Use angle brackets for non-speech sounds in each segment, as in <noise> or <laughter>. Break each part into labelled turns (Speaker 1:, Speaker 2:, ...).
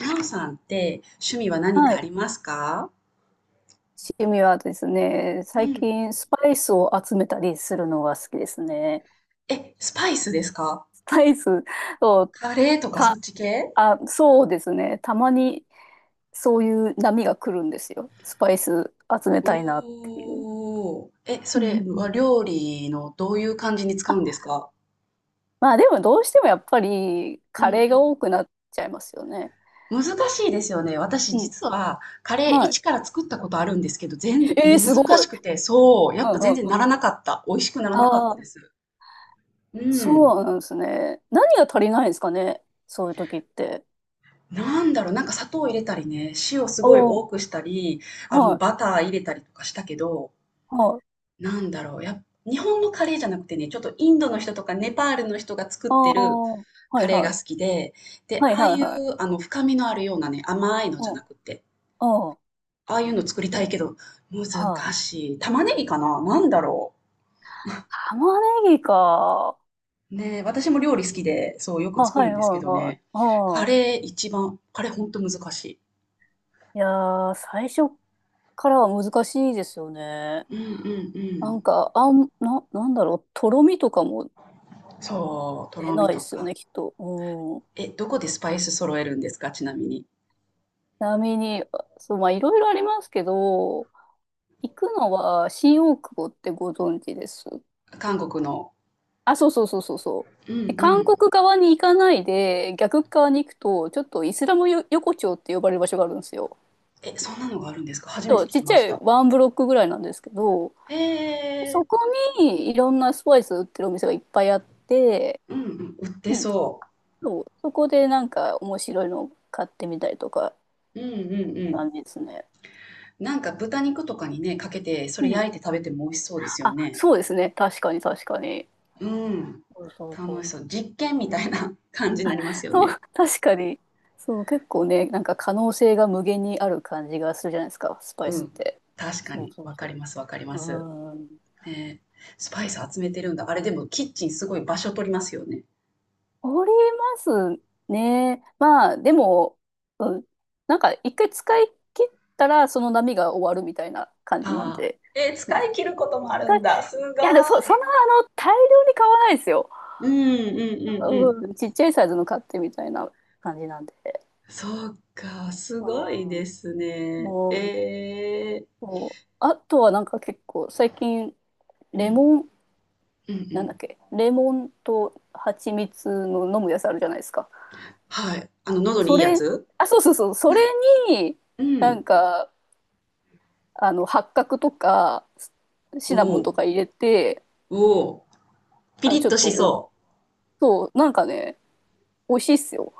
Speaker 1: なおさんって趣味は何
Speaker 2: は
Speaker 1: かあ
Speaker 2: い。
Speaker 1: りますか？
Speaker 2: 趣味はですね、
Speaker 1: う
Speaker 2: 最
Speaker 1: ん、
Speaker 2: 近スパイスを集めたりするのが好きですね。
Speaker 1: え、スパイスですか？
Speaker 2: スパイスを、
Speaker 1: カレーとかそ
Speaker 2: た、
Speaker 1: っち系？
Speaker 2: あ、そうですね。たまにそういう波が来るんですよ。スパイス集めたいなっていう。
Speaker 1: おー。え、
Speaker 2: う
Speaker 1: そ
Speaker 2: んうんう
Speaker 1: れは
Speaker 2: ん。
Speaker 1: 料理のどういう感じに使う
Speaker 2: あ、
Speaker 1: んですか？
Speaker 2: まあでもどうしてもやっぱり
Speaker 1: う
Speaker 2: カ
Speaker 1: ん、
Speaker 2: レーが多くなっちゃいますよね。
Speaker 1: うん。難しいですよね。私
Speaker 2: うん。
Speaker 1: 実はカレー
Speaker 2: はい。
Speaker 1: 一から作ったことあるんですけど、
Speaker 2: えー、
Speaker 1: もう
Speaker 2: す
Speaker 1: 難
Speaker 2: ご
Speaker 1: し
Speaker 2: い。
Speaker 1: くて、そう、や
Speaker 2: う
Speaker 1: っ
Speaker 2: ん
Speaker 1: ぱ
Speaker 2: う
Speaker 1: 全然
Speaker 2: んう
Speaker 1: な
Speaker 2: ん。
Speaker 1: らなかった。美味しくならなかった
Speaker 2: あ
Speaker 1: で
Speaker 2: あ、
Speaker 1: す。うん。
Speaker 2: そうなんですね。何が足りないんですかね。そういう時って。
Speaker 1: なんだろう、なんか砂糖入れたりね、塩す
Speaker 2: お
Speaker 1: ごい
Speaker 2: お、
Speaker 1: 多くしたり、
Speaker 2: はい。
Speaker 1: バター入れたりとかしたけど、
Speaker 2: はい。
Speaker 1: なんだろう、日本のカレーじゃなくてね、ちょっとインドの人とかネパールの人が作っ
Speaker 2: あ
Speaker 1: てる
Speaker 2: あ、は
Speaker 1: カ
Speaker 2: い
Speaker 1: レー
Speaker 2: は
Speaker 1: が
Speaker 2: い。
Speaker 1: 好きで、で、
Speaker 2: はい
Speaker 1: ああ
Speaker 2: はい
Speaker 1: いう
Speaker 2: はい。
Speaker 1: あの深みのあるようなね、甘いの
Speaker 2: う
Speaker 1: じゃ
Speaker 2: ん、
Speaker 1: なくて、
Speaker 2: うん、
Speaker 1: ああいうの作りたいけど、難
Speaker 2: はい。
Speaker 1: しい。玉ねぎかななんだろ
Speaker 2: 玉ねぎか。
Speaker 1: う。ねえ、私も料理好きで、そう、よく
Speaker 2: あ、
Speaker 1: 作
Speaker 2: は
Speaker 1: るん
Speaker 2: い
Speaker 1: で
Speaker 2: は
Speaker 1: す
Speaker 2: い
Speaker 1: けど
Speaker 2: はい。
Speaker 1: ね、カ
Speaker 2: ああ、
Speaker 1: レー一番、カレーほんと難しい。
Speaker 2: いやー、最初からは難しいですよね。
Speaker 1: うんうんう
Speaker 2: な
Speaker 1: ん。
Speaker 2: んか、なんだろう、とろみとかも
Speaker 1: そう、と
Speaker 2: 出
Speaker 1: ろみ
Speaker 2: ないで
Speaker 1: と
Speaker 2: すよ
Speaker 1: か。
Speaker 2: ね、きっと。うん。ち
Speaker 1: え、どこでスパイス揃えるんですかちなみに。
Speaker 2: なみに、あ、そう、まあ、いろいろありますけど、行くのは新大久保ってご存知です？
Speaker 1: 韓国の。
Speaker 2: あ、そうそうそうそうそう。
Speaker 1: うんう
Speaker 2: で韓
Speaker 1: ん。
Speaker 2: 国側に行かないで、逆側に行くと、ちょっとイスラムよ横丁って呼ばれる場所があるんですよ。
Speaker 1: え、そんなのがあるんですか？初めて聞
Speaker 2: とちっ
Speaker 1: き
Speaker 2: ち
Speaker 1: ま
Speaker 2: ゃ
Speaker 1: し
Speaker 2: い
Speaker 1: た。
Speaker 2: ワンブロックぐらいなんですけど、
Speaker 1: へ
Speaker 2: そ
Speaker 1: え、
Speaker 2: こにいろんなスパイス売ってるお店がいっぱいあって、
Speaker 1: うんうん、売って
Speaker 2: うん、
Speaker 1: そ
Speaker 2: そう、そこでなんか面白いの買ってみたりとかっ
Speaker 1: う。うんうんう
Speaker 2: て
Speaker 1: ん。
Speaker 2: 感じですね。
Speaker 1: なんか豚肉とかにね、かけて、それ
Speaker 2: うん。
Speaker 1: 焼いて食べても美味しそうですよ
Speaker 2: あ、
Speaker 1: ね。
Speaker 2: そうですね。確かに確かに。
Speaker 1: うん。
Speaker 2: そうそうそ
Speaker 1: 楽し
Speaker 2: う。
Speaker 1: そう。実験みたいな <laughs> 感じになりますよ
Speaker 2: そ
Speaker 1: ね。
Speaker 2: う、確かに。そう、結構ね、なんか可能性が無限にある感じがするじゃないですか、スパ
Speaker 1: う
Speaker 2: イス
Speaker 1: ん。
Speaker 2: って。
Speaker 1: 確か
Speaker 2: そう
Speaker 1: に。
Speaker 2: そう
Speaker 1: わか
Speaker 2: そ
Speaker 1: りますわかりま
Speaker 2: う。
Speaker 1: す。
Speaker 2: うん。
Speaker 1: ねえ。スパイス集めてるんだ。あれでもキッチンすごい場所取りますよね。
Speaker 2: おりますね。まあ、でも、うん。なんか一回使い切ったら、その波が終わるみたいな感
Speaker 1: あ
Speaker 2: じなん
Speaker 1: あ。
Speaker 2: で。うん。
Speaker 1: 使い切ることもある
Speaker 2: 使い
Speaker 1: んだ。す
Speaker 2: いや、でも
Speaker 1: ご
Speaker 2: そん
Speaker 1: い。
Speaker 2: な、あの、大量に買わないですよ。
Speaker 1: うんうんうんうん。
Speaker 2: うん。ちっちゃいサイズの買ってみたいな感じなんで。
Speaker 1: そうか、すごい
Speaker 2: うん。
Speaker 1: ですね。
Speaker 2: も、
Speaker 1: ええ
Speaker 2: そう、あとはなんか結構、最近、
Speaker 1: ー。う
Speaker 2: レ
Speaker 1: ん、
Speaker 2: モン。
Speaker 1: うんう
Speaker 2: なんだ
Speaker 1: ん。
Speaker 2: っけ、レモンと蜂蜜の飲むやつあるじゃないですか？
Speaker 1: はい。あの、喉にい
Speaker 2: そ
Speaker 1: いや
Speaker 2: れ、
Speaker 1: つ？
Speaker 2: あ、そうそうそう、それに
Speaker 1: う
Speaker 2: なん
Speaker 1: ん。
Speaker 2: か、あの、八角とかシ
Speaker 1: お
Speaker 2: ナモンと
Speaker 1: お、
Speaker 2: か入れて、
Speaker 1: おお。ピ
Speaker 2: あ
Speaker 1: リ
Speaker 2: の、
Speaker 1: ッ
Speaker 2: ちょっ
Speaker 1: と
Speaker 2: と、
Speaker 1: し
Speaker 2: お、
Speaker 1: そ
Speaker 2: そう、なんかね、美味しいっすよ。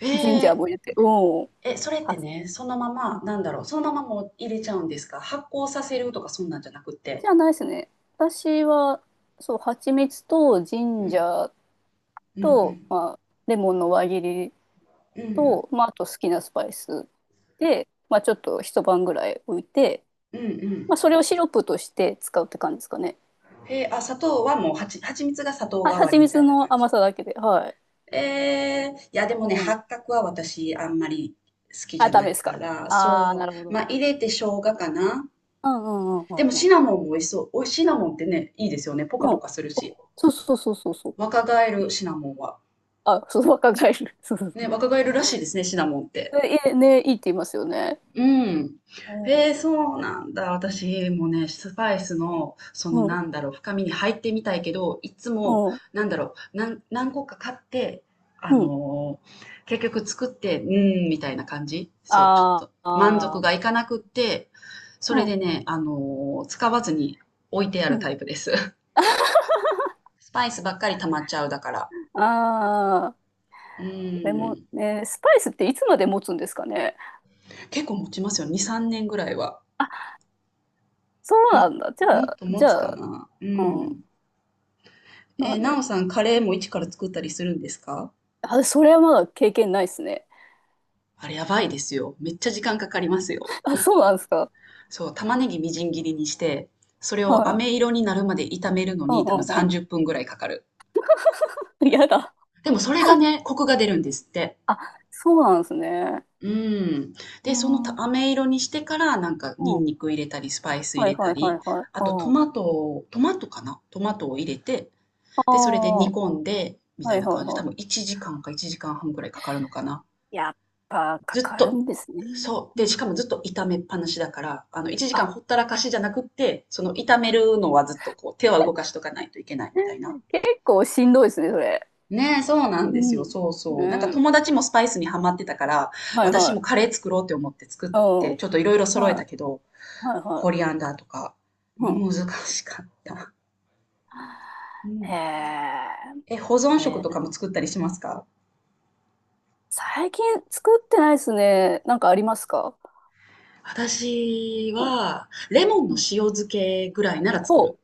Speaker 1: う。え
Speaker 2: ジンジャー
Speaker 1: え。
Speaker 2: も入れて。うん。
Speaker 1: え、それって
Speaker 2: あ、
Speaker 1: ね、そのまま、なんだろう、そのままもう入れちゃうんですか？発酵させるとかそんなんじゃなく
Speaker 2: じ
Speaker 1: て。
Speaker 2: ゃないっすね、私は。そう、蜂蜜とジ
Speaker 1: う
Speaker 2: ンジ
Speaker 1: ん、
Speaker 2: ャー
Speaker 1: うんう
Speaker 2: と、
Speaker 1: ん。
Speaker 2: まあ、レモンの輪切り
Speaker 1: うん、
Speaker 2: と、まあ、あと好きなスパイスで、まあ、ちょっと一晩ぐらい置いて、
Speaker 1: うんう
Speaker 2: ま
Speaker 1: ん。
Speaker 2: あ、それをシロップとして使うって感じですかね。
Speaker 1: へえー、あ、砂糖はもう蜂蜜が砂糖代わり
Speaker 2: 蜂
Speaker 1: みた
Speaker 2: 蜜
Speaker 1: いな感
Speaker 2: の甘
Speaker 1: じ？
Speaker 2: さだけで、はい。
Speaker 1: いやでもね、
Speaker 2: うん。
Speaker 1: 八角は私あんまり好きじ
Speaker 2: あ、
Speaker 1: ゃ
Speaker 2: ダ
Speaker 1: な
Speaker 2: メ
Speaker 1: い
Speaker 2: です
Speaker 1: か
Speaker 2: か。
Speaker 1: ら、
Speaker 2: ああ、
Speaker 1: そ
Speaker 2: なるほ
Speaker 1: う、ま
Speaker 2: ど。
Speaker 1: あ入れて生姜かな。
Speaker 2: うんうんうんう
Speaker 1: で
Speaker 2: ん
Speaker 1: も
Speaker 2: うん。
Speaker 1: シナモンも美味しそう。お、シナモンってね、いいですよね。ポ
Speaker 2: う
Speaker 1: カポ
Speaker 2: ん。
Speaker 1: カするし。
Speaker 2: お、そうそうそうそうそう。
Speaker 1: 若返
Speaker 2: い
Speaker 1: る
Speaker 2: い
Speaker 1: シナモンは。
Speaker 2: あ、そう、若返る。そうそう
Speaker 1: ね、
Speaker 2: そう。
Speaker 1: 若返るらしいですね、シナモンって。
Speaker 2: え、ね、いいって言いますよね。
Speaker 1: うん。
Speaker 2: う
Speaker 1: へ
Speaker 2: ん。
Speaker 1: え、そうなんだ。私もね、スパイスの、その
Speaker 2: うん。
Speaker 1: なんだろう、深みに入ってみたいけど、いつも、
Speaker 2: うん。
Speaker 1: なんだろう、何個か買って、あ
Speaker 2: うん。
Speaker 1: のー結局作って、うーん、みたいな感じ。そう、ちょっ
Speaker 2: あー
Speaker 1: と満足
Speaker 2: あー。
Speaker 1: がいかなくって、それ
Speaker 2: うん。
Speaker 1: でね、使わずに置いてあ
Speaker 2: う
Speaker 1: る
Speaker 2: ん。
Speaker 1: タイプです。<laughs> スパイスばっかり溜まっちゃうだから。
Speaker 2: ああ。
Speaker 1: う
Speaker 2: レモ
Speaker 1: ん。
Speaker 2: ン、ね、スパイスっていつまで持つんですかね。
Speaker 1: 結構持ちますよ。2、3年ぐらいは。
Speaker 2: あ、そう
Speaker 1: も、
Speaker 2: なんだ。じゃ
Speaker 1: もっ
Speaker 2: あ、
Speaker 1: と持
Speaker 2: じ
Speaker 1: つ
Speaker 2: ゃ
Speaker 1: か
Speaker 2: あ、
Speaker 1: な。う
Speaker 2: うん。
Speaker 1: ん。
Speaker 2: まあ
Speaker 1: な
Speaker 2: ね。
Speaker 1: おさん、カレーも一から作ったりするんですか？
Speaker 2: あ、それはまだ経験ないですね。
Speaker 1: あれやばいですよ。めっちゃ時間かかりますよ。
Speaker 2: あ、そうなんですか。
Speaker 1: そう、玉ねぎみじん切りにして、それを
Speaker 2: はい。
Speaker 1: 飴色になるまで炒めるの
Speaker 2: うん
Speaker 1: に多分
Speaker 2: うん
Speaker 1: 30分ぐらいかかる。
Speaker 2: うん。やだ。
Speaker 1: でもそれがね、コクが出るんですって。
Speaker 2: あ、そうなんですね。
Speaker 1: うん。
Speaker 2: う
Speaker 1: で、その
Speaker 2: ん。う
Speaker 1: た
Speaker 2: ん。
Speaker 1: 飴色にしてからなんかニンニク入れたり、スパイス
Speaker 2: は
Speaker 1: 入
Speaker 2: い
Speaker 1: れた
Speaker 2: はいは
Speaker 1: り、
Speaker 2: いはい。
Speaker 1: あとト
Speaker 2: うん。
Speaker 1: マトを、トマトかなトマトを入れて、
Speaker 2: あ
Speaker 1: で、それで
Speaker 2: あ、
Speaker 1: 煮
Speaker 2: は
Speaker 1: 込んで、み
Speaker 2: いは
Speaker 1: たい
Speaker 2: い
Speaker 1: な感じ。多
Speaker 2: は
Speaker 1: 分1時間か1時間半ぐらいかかるのかな。
Speaker 2: い。やっぱか
Speaker 1: ずっ
Speaker 2: かる
Speaker 1: と。
Speaker 2: んですね。
Speaker 1: そう。
Speaker 2: う
Speaker 1: で、しか
Speaker 2: ん。
Speaker 1: もずっと炒めっぱなしだから、1時
Speaker 2: あ、
Speaker 1: 間ほったらかしじゃなくって、その炒めるのはずっとこう、手は動かしとかないといけないみたいな。
Speaker 2: 結構しんどいですね、それ。
Speaker 1: ねえ、そうなん
Speaker 2: う
Speaker 1: ですよ。
Speaker 2: ん。
Speaker 1: そうそう。なんか
Speaker 2: うん。
Speaker 1: 友達もスパイスにハマってたから、
Speaker 2: はい
Speaker 1: 私
Speaker 2: は
Speaker 1: もカ
Speaker 2: い。
Speaker 1: レー作ろうって思って作
Speaker 2: う
Speaker 1: っ
Speaker 2: ん。
Speaker 1: て、ちょっといろいろ揃え
Speaker 2: は
Speaker 1: た
Speaker 2: い
Speaker 1: けど、
Speaker 2: はい
Speaker 1: コ
Speaker 2: は
Speaker 1: リアンダーとか、
Speaker 2: い。うん。
Speaker 1: 難しかった。う
Speaker 2: へ
Speaker 1: ん。
Speaker 2: え。
Speaker 1: え、保存食
Speaker 2: ね、
Speaker 1: とかも作ったりしますか？
Speaker 2: 最近作ってないですね。なんかありますか？
Speaker 1: 私
Speaker 2: うん。
Speaker 1: は、レモン
Speaker 2: う
Speaker 1: の
Speaker 2: ん。
Speaker 1: 塩漬けぐらいなら作る。
Speaker 2: ほ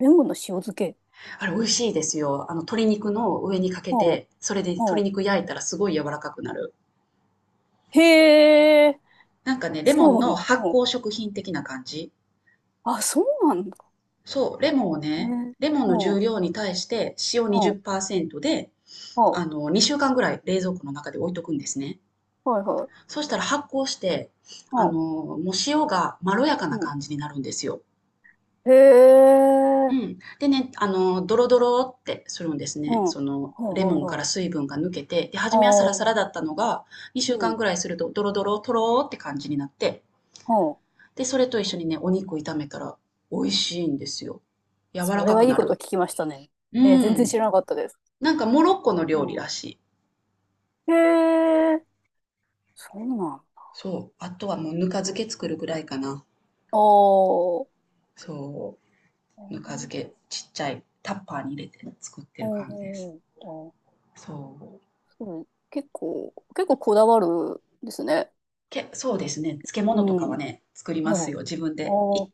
Speaker 2: う。レモンの塩漬け。
Speaker 1: あれ美味しいですよ。鶏肉の上にかけ
Speaker 2: ほ
Speaker 1: て、それで鶏
Speaker 2: う。
Speaker 1: 肉焼いたらすごい柔らかくなる。
Speaker 2: へえ、
Speaker 1: なんかね、レモン
Speaker 2: そ
Speaker 1: の
Speaker 2: う、
Speaker 1: 発
Speaker 2: うん。
Speaker 1: 酵食品的な感じ。
Speaker 2: あ、そうなんだ
Speaker 1: そう、レモンをね、
Speaker 2: ね。
Speaker 1: レモン
Speaker 2: う
Speaker 1: の
Speaker 2: ん、う
Speaker 1: 重
Speaker 2: ん、
Speaker 1: 量に対して塩20%で、
Speaker 2: うん、は
Speaker 1: 2週間ぐらい冷蔵庫の中で置いとくんですね。
Speaker 2: いはい、
Speaker 1: そしたら発酵して、
Speaker 2: う
Speaker 1: もう塩がまろやか
Speaker 2: ん、
Speaker 1: な
Speaker 2: うん。
Speaker 1: 感じになるんですよ。
Speaker 2: へ
Speaker 1: う
Speaker 2: え、
Speaker 1: ん。でね、ドロドロってするんです
Speaker 2: う
Speaker 1: ね。
Speaker 2: ん、はい
Speaker 1: その、レ
Speaker 2: は
Speaker 1: モ
Speaker 2: い
Speaker 1: ンから
Speaker 2: はい。
Speaker 1: 水分が抜けて、で、初
Speaker 2: あ
Speaker 1: めはサ
Speaker 2: あ、
Speaker 1: ラサラだったのが、2
Speaker 2: う
Speaker 1: 週
Speaker 2: ん、う
Speaker 1: 間
Speaker 2: ん。
Speaker 1: ぐらいすると、ドロドロ、とろーって感じになって、で、それと一緒にね、お肉炒めたら、美味しいんですよ。柔ら
Speaker 2: それ
Speaker 1: か
Speaker 2: は
Speaker 1: く
Speaker 2: いい
Speaker 1: な
Speaker 2: こと
Speaker 1: る。
Speaker 2: 聞きましたね。
Speaker 1: う
Speaker 2: えー、全然知
Speaker 1: ん。
Speaker 2: らなかったです。
Speaker 1: なんか、モロッコの
Speaker 2: う
Speaker 1: 料理
Speaker 2: ん。
Speaker 1: らしい。
Speaker 2: へえ、そうなんだ。
Speaker 1: そう。あとはもう、ぬか漬け作るぐらいかな。
Speaker 2: おー、
Speaker 1: そう。ぬか漬
Speaker 2: お
Speaker 1: け、ちっちゃいタッパーに入れて作ってる感じです。
Speaker 2: ー、おー、
Speaker 1: そう。
Speaker 2: そう、結構、結構こだわるですね。
Speaker 1: そうですね。漬
Speaker 2: う
Speaker 1: 物とかは
Speaker 2: ん。
Speaker 1: ね、作りま
Speaker 2: お
Speaker 1: す
Speaker 2: ー、
Speaker 1: よ、自分で。
Speaker 2: おー、
Speaker 1: っ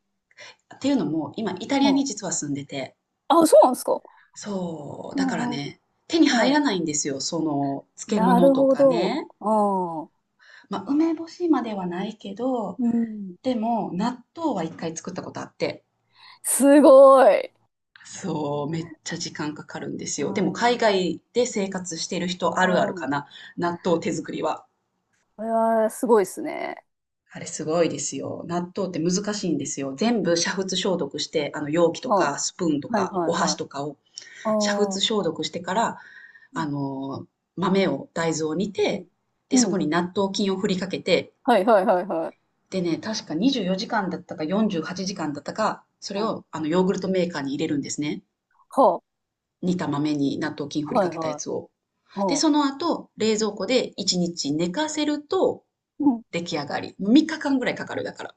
Speaker 1: ていうのも、今、イタリ
Speaker 2: う
Speaker 1: アに
Speaker 2: ん。
Speaker 1: 実は住んでて、
Speaker 2: あ、そうなんですか？
Speaker 1: そう、だから
Speaker 2: おう、
Speaker 1: ね、手に入
Speaker 2: お
Speaker 1: ら
Speaker 2: う、
Speaker 1: ないんですよ、その、漬
Speaker 2: な
Speaker 1: 物
Speaker 2: る
Speaker 1: と
Speaker 2: ほ
Speaker 1: か
Speaker 2: ど。
Speaker 1: ね。
Speaker 2: ああ、
Speaker 1: まあ、梅干しまではないけど、
Speaker 2: うん。
Speaker 1: でも、納豆は一回作ったことあって、
Speaker 2: すごい。
Speaker 1: そう、めっちゃ時間かかるんです
Speaker 2: う
Speaker 1: よ。でも、
Speaker 2: んう
Speaker 1: 海
Speaker 2: ん。
Speaker 1: 外で生活している人あるあるか
Speaker 2: こ
Speaker 1: な、納豆手作りは。
Speaker 2: れはすごいですね。
Speaker 1: あれすごいですよ。納豆って難しいんですよ。全部煮沸消毒して、あの容器と
Speaker 2: は
Speaker 1: かスプーンと
Speaker 2: あ、はい
Speaker 1: か
Speaker 2: は
Speaker 1: お
Speaker 2: いは
Speaker 1: 箸
Speaker 2: い。
Speaker 1: とかを
Speaker 2: あ
Speaker 1: 煮沸
Speaker 2: あ、
Speaker 1: 消毒してから、
Speaker 2: う
Speaker 1: あ
Speaker 2: ん
Speaker 1: の大豆を煮
Speaker 2: う
Speaker 1: て、
Speaker 2: ん。
Speaker 1: で、
Speaker 2: う
Speaker 1: そこ
Speaker 2: ん、
Speaker 1: に納豆菌を振りかけて、
Speaker 2: はいはいはいはい。
Speaker 1: でね、確か24時間だったか48時間だったか、それ
Speaker 2: は
Speaker 1: をあのヨーグルトメーカーに入れるんですね。
Speaker 2: あ、は
Speaker 1: 煮た豆に納豆菌振
Speaker 2: あ、
Speaker 1: り
Speaker 2: は
Speaker 1: か
Speaker 2: いは
Speaker 1: けたやつ
Speaker 2: い。
Speaker 1: を。で、
Speaker 2: はあ、
Speaker 1: その後、冷蔵庫で1日寝かせると
Speaker 2: うん。
Speaker 1: 出来上がり。3日間ぐらいかかるだから。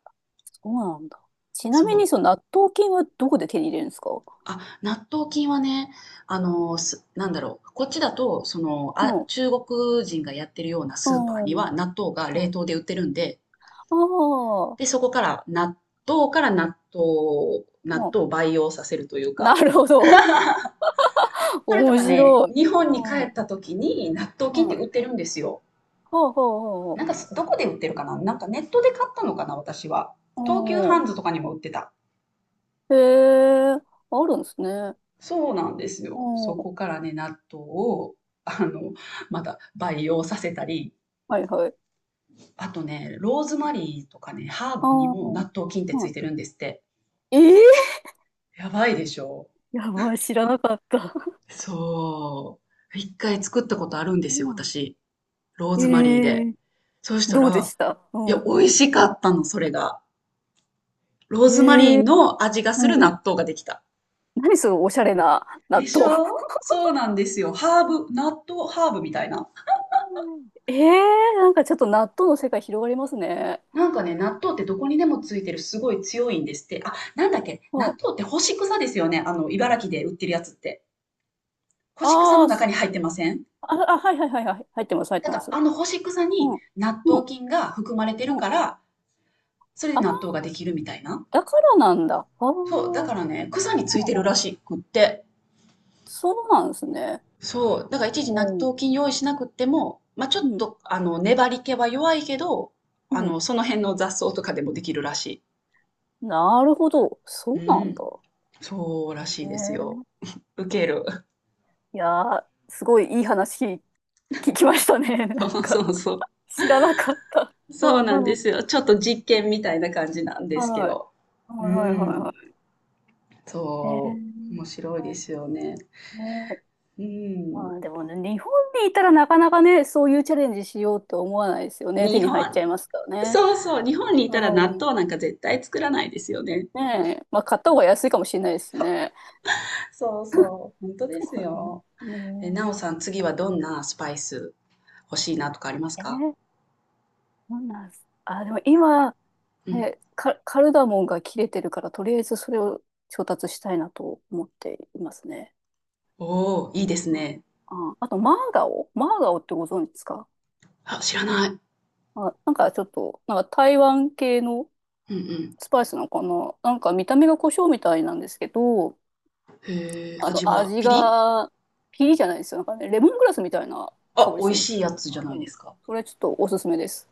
Speaker 2: そうなんだ。ちなみ
Speaker 1: そ
Speaker 2: に、
Speaker 1: う。
Speaker 2: その納豆菌はどこで手に入れるんですか？
Speaker 1: あ、納豆菌はね、なんだろう、こっちだと、その、
Speaker 2: う
Speaker 1: あ、
Speaker 2: ん。
Speaker 1: 中国人がやってるような
Speaker 2: う
Speaker 1: スーパーに
Speaker 2: ん。うん、
Speaker 1: は納豆が冷
Speaker 2: あ
Speaker 1: 凍で売ってるんで、
Speaker 2: あ、
Speaker 1: で、そこから豆から納豆を、納
Speaker 2: う
Speaker 1: 豆を培養させるという
Speaker 2: ん。な
Speaker 1: か、
Speaker 2: るほど。<laughs>
Speaker 1: それと
Speaker 2: 面
Speaker 1: かね、
Speaker 2: 白い。
Speaker 1: 日本
Speaker 2: う
Speaker 1: に帰
Speaker 2: ん。は
Speaker 1: った
Speaker 2: い。
Speaker 1: 時に納豆菌って
Speaker 2: は、
Speaker 1: 売ってるんですよ。
Speaker 2: はあはあ
Speaker 1: な
Speaker 2: は
Speaker 1: んか
Speaker 2: あ。
Speaker 1: どこで売ってるかななんかネットで買ったのかな私は。東急ハ
Speaker 2: お
Speaker 1: ン
Speaker 2: ー。
Speaker 1: ズとかにも売ってた。
Speaker 2: へえ、あるんですね。
Speaker 1: そうなんですよ。
Speaker 2: お
Speaker 1: そ
Speaker 2: ー。
Speaker 1: こからね、納豆
Speaker 2: うん。
Speaker 1: を、あの、また培養させたり、
Speaker 2: はいはい。
Speaker 1: あとね、ローズマリーとかね、ハー
Speaker 2: あ
Speaker 1: ブにも
Speaker 2: ー。
Speaker 1: 納豆菌ってつい
Speaker 2: は
Speaker 1: てるんですって。
Speaker 2: い。ええ
Speaker 1: やばいでしょ
Speaker 2: ー <laughs> やばい、知らなかった。
Speaker 1: そう。一回作ったことあるんで
Speaker 2: そう
Speaker 1: すよ、
Speaker 2: な
Speaker 1: 私。ロー
Speaker 2: へ
Speaker 1: ズマリー
Speaker 2: ええ
Speaker 1: で。
Speaker 2: ー、
Speaker 1: そうした
Speaker 2: どうで
Speaker 1: ら、
Speaker 2: した？
Speaker 1: い
Speaker 2: う
Speaker 1: や、
Speaker 2: ん。
Speaker 1: 美味しかったの、それが。ロー
Speaker 2: え
Speaker 1: ズマリ
Speaker 2: え
Speaker 1: ーの味が
Speaker 2: ー。
Speaker 1: する
Speaker 2: うん。
Speaker 1: 納豆ができた。
Speaker 2: 何そのおしゃれな
Speaker 1: で
Speaker 2: 納
Speaker 1: し
Speaker 2: 豆。
Speaker 1: ょそうなんですよ。ハーブ、納豆ハーブみたいな。
Speaker 2: <laughs> ええー、なんかちょっと納豆の世界広がりますね。
Speaker 1: なんかね、納豆ってどこにでもついてるすごい強いんですって。あ、なんだっけ
Speaker 2: う
Speaker 1: 納
Speaker 2: ん。
Speaker 1: 豆って干し草ですよね。茨城で売ってるやつって。干し草の
Speaker 2: あー
Speaker 1: 中
Speaker 2: す
Speaker 1: に入ってません？
Speaker 2: あ、あ、はいはいはいはい。入ってます、入っ
Speaker 1: だ
Speaker 2: て
Speaker 1: か
Speaker 2: ま
Speaker 1: ら
Speaker 2: す。
Speaker 1: あの干し草
Speaker 2: う
Speaker 1: に
Speaker 2: ん。
Speaker 1: 納
Speaker 2: う
Speaker 1: 豆
Speaker 2: ん。
Speaker 1: 菌が含まれてる
Speaker 2: うん。
Speaker 1: から、それで
Speaker 2: あー、
Speaker 1: 納豆ができるみたいな。
Speaker 2: だからなんだ。あ
Speaker 1: そう、だか
Speaker 2: あ。
Speaker 1: らね、草についてるらしくって。
Speaker 2: そうなんですね。
Speaker 1: そう、だからいちいち納
Speaker 2: うん
Speaker 1: 豆菌用意しなくっても、まあ、ちょ
Speaker 2: う
Speaker 1: っ
Speaker 2: ん、
Speaker 1: と、粘り気は弱いけど、
Speaker 2: うん。
Speaker 1: その辺の雑草とかでもできるらし
Speaker 2: なるほど。そ
Speaker 1: い。
Speaker 2: うな
Speaker 1: う
Speaker 2: んだ。
Speaker 1: ん。そうらしいですよ。
Speaker 2: ね
Speaker 1: ウケる。
Speaker 2: え。いやー、すごいいい話聞きましたね。<laughs>
Speaker 1: <laughs>
Speaker 2: なん
Speaker 1: そうそ
Speaker 2: か、
Speaker 1: うそう。
Speaker 2: 知らなかった。そ
Speaker 1: そう
Speaker 2: ん
Speaker 1: な
Speaker 2: な
Speaker 1: んで
Speaker 2: の。
Speaker 1: すよ。ちょっと実験みたいな感じなんですけ
Speaker 2: はい。
Speaker 1: ど。
Speaker 2: は
Speaker 1: う
Speaker 2: いはいはい
Speaker 1: ん。
Speaker 2: はい。
Speaker 1: そう。面
Speaker 2: ね
Speaker 1: 白いです
Speaker 2: え。
Speaker 1: よね。
Speaker 2: ねえ。
Speaker 1: う
Speaker 2: ま
Speaker 1: ん。
Speaker 2: あでもね、日本にいたらなかなかね、そういうチャレンジしようって思わないですよね。手
Speaker 1: 日
Speaker 2: に入っち
Speaker 1: 本、
Speaker 2: ゃいますからね。
Speaker 1: そうそう、日本にいたら納
Speaker 2: うん。
Speaker 1: 豆なんか絶対作らないですよね。
Speaker 2: ねえ。まあ、買った方が安いかもしれないですね。
Speaker 1: そうそう、本当です
Speaker 2: <laughs>
Speaker 1: よ。え、なお
Speaker 2: ね
Speaker 1: さん、次はどんなスパイス欲しいなとかあります
Speaker 2: え。え
Speaker 1: か？
Speaker 2: ー、そうなんです。あ、でも今、
Speaker 1: うん。
Speaker 2: え、カルダモンが切れてるから、とりあえずそれを調達したいなと思っていますね。
Speaker 1: おー、いいです
Speaker 2: うん。
Speaker 1: ね。
Speaker 2: あ、あと、マーガオマーガオってご存知ですか？
Speaker 1: あ、知らない。うん
Speaker 2: あ、なんかちょっと、なんか台湾系の
Speaker 1: うん。
Speaker 2: スパイスのこの、なんか見た目が胡椒みたいなんですけど、
Speaker 1: へえ、
Speaker 2: あ
Speaker 1: 味
Speaker 2: の、
Speaker 1: は
Speaker 2: 味がピリじゃないですよ。なんかね、レモングラスみたいな香
Speaker 1: あ、
Speaker 2: り
Speaker 1: 美
Speaker 2: す
Speaker 1: 味
Speaker 2: る。
Speaker 1: しいやつじゃない
Speaker 2: う
Speaker 1: で
Speaker 2: ん。
Speaker 1: すか。
Speaker 2: それちょっとおすすめです。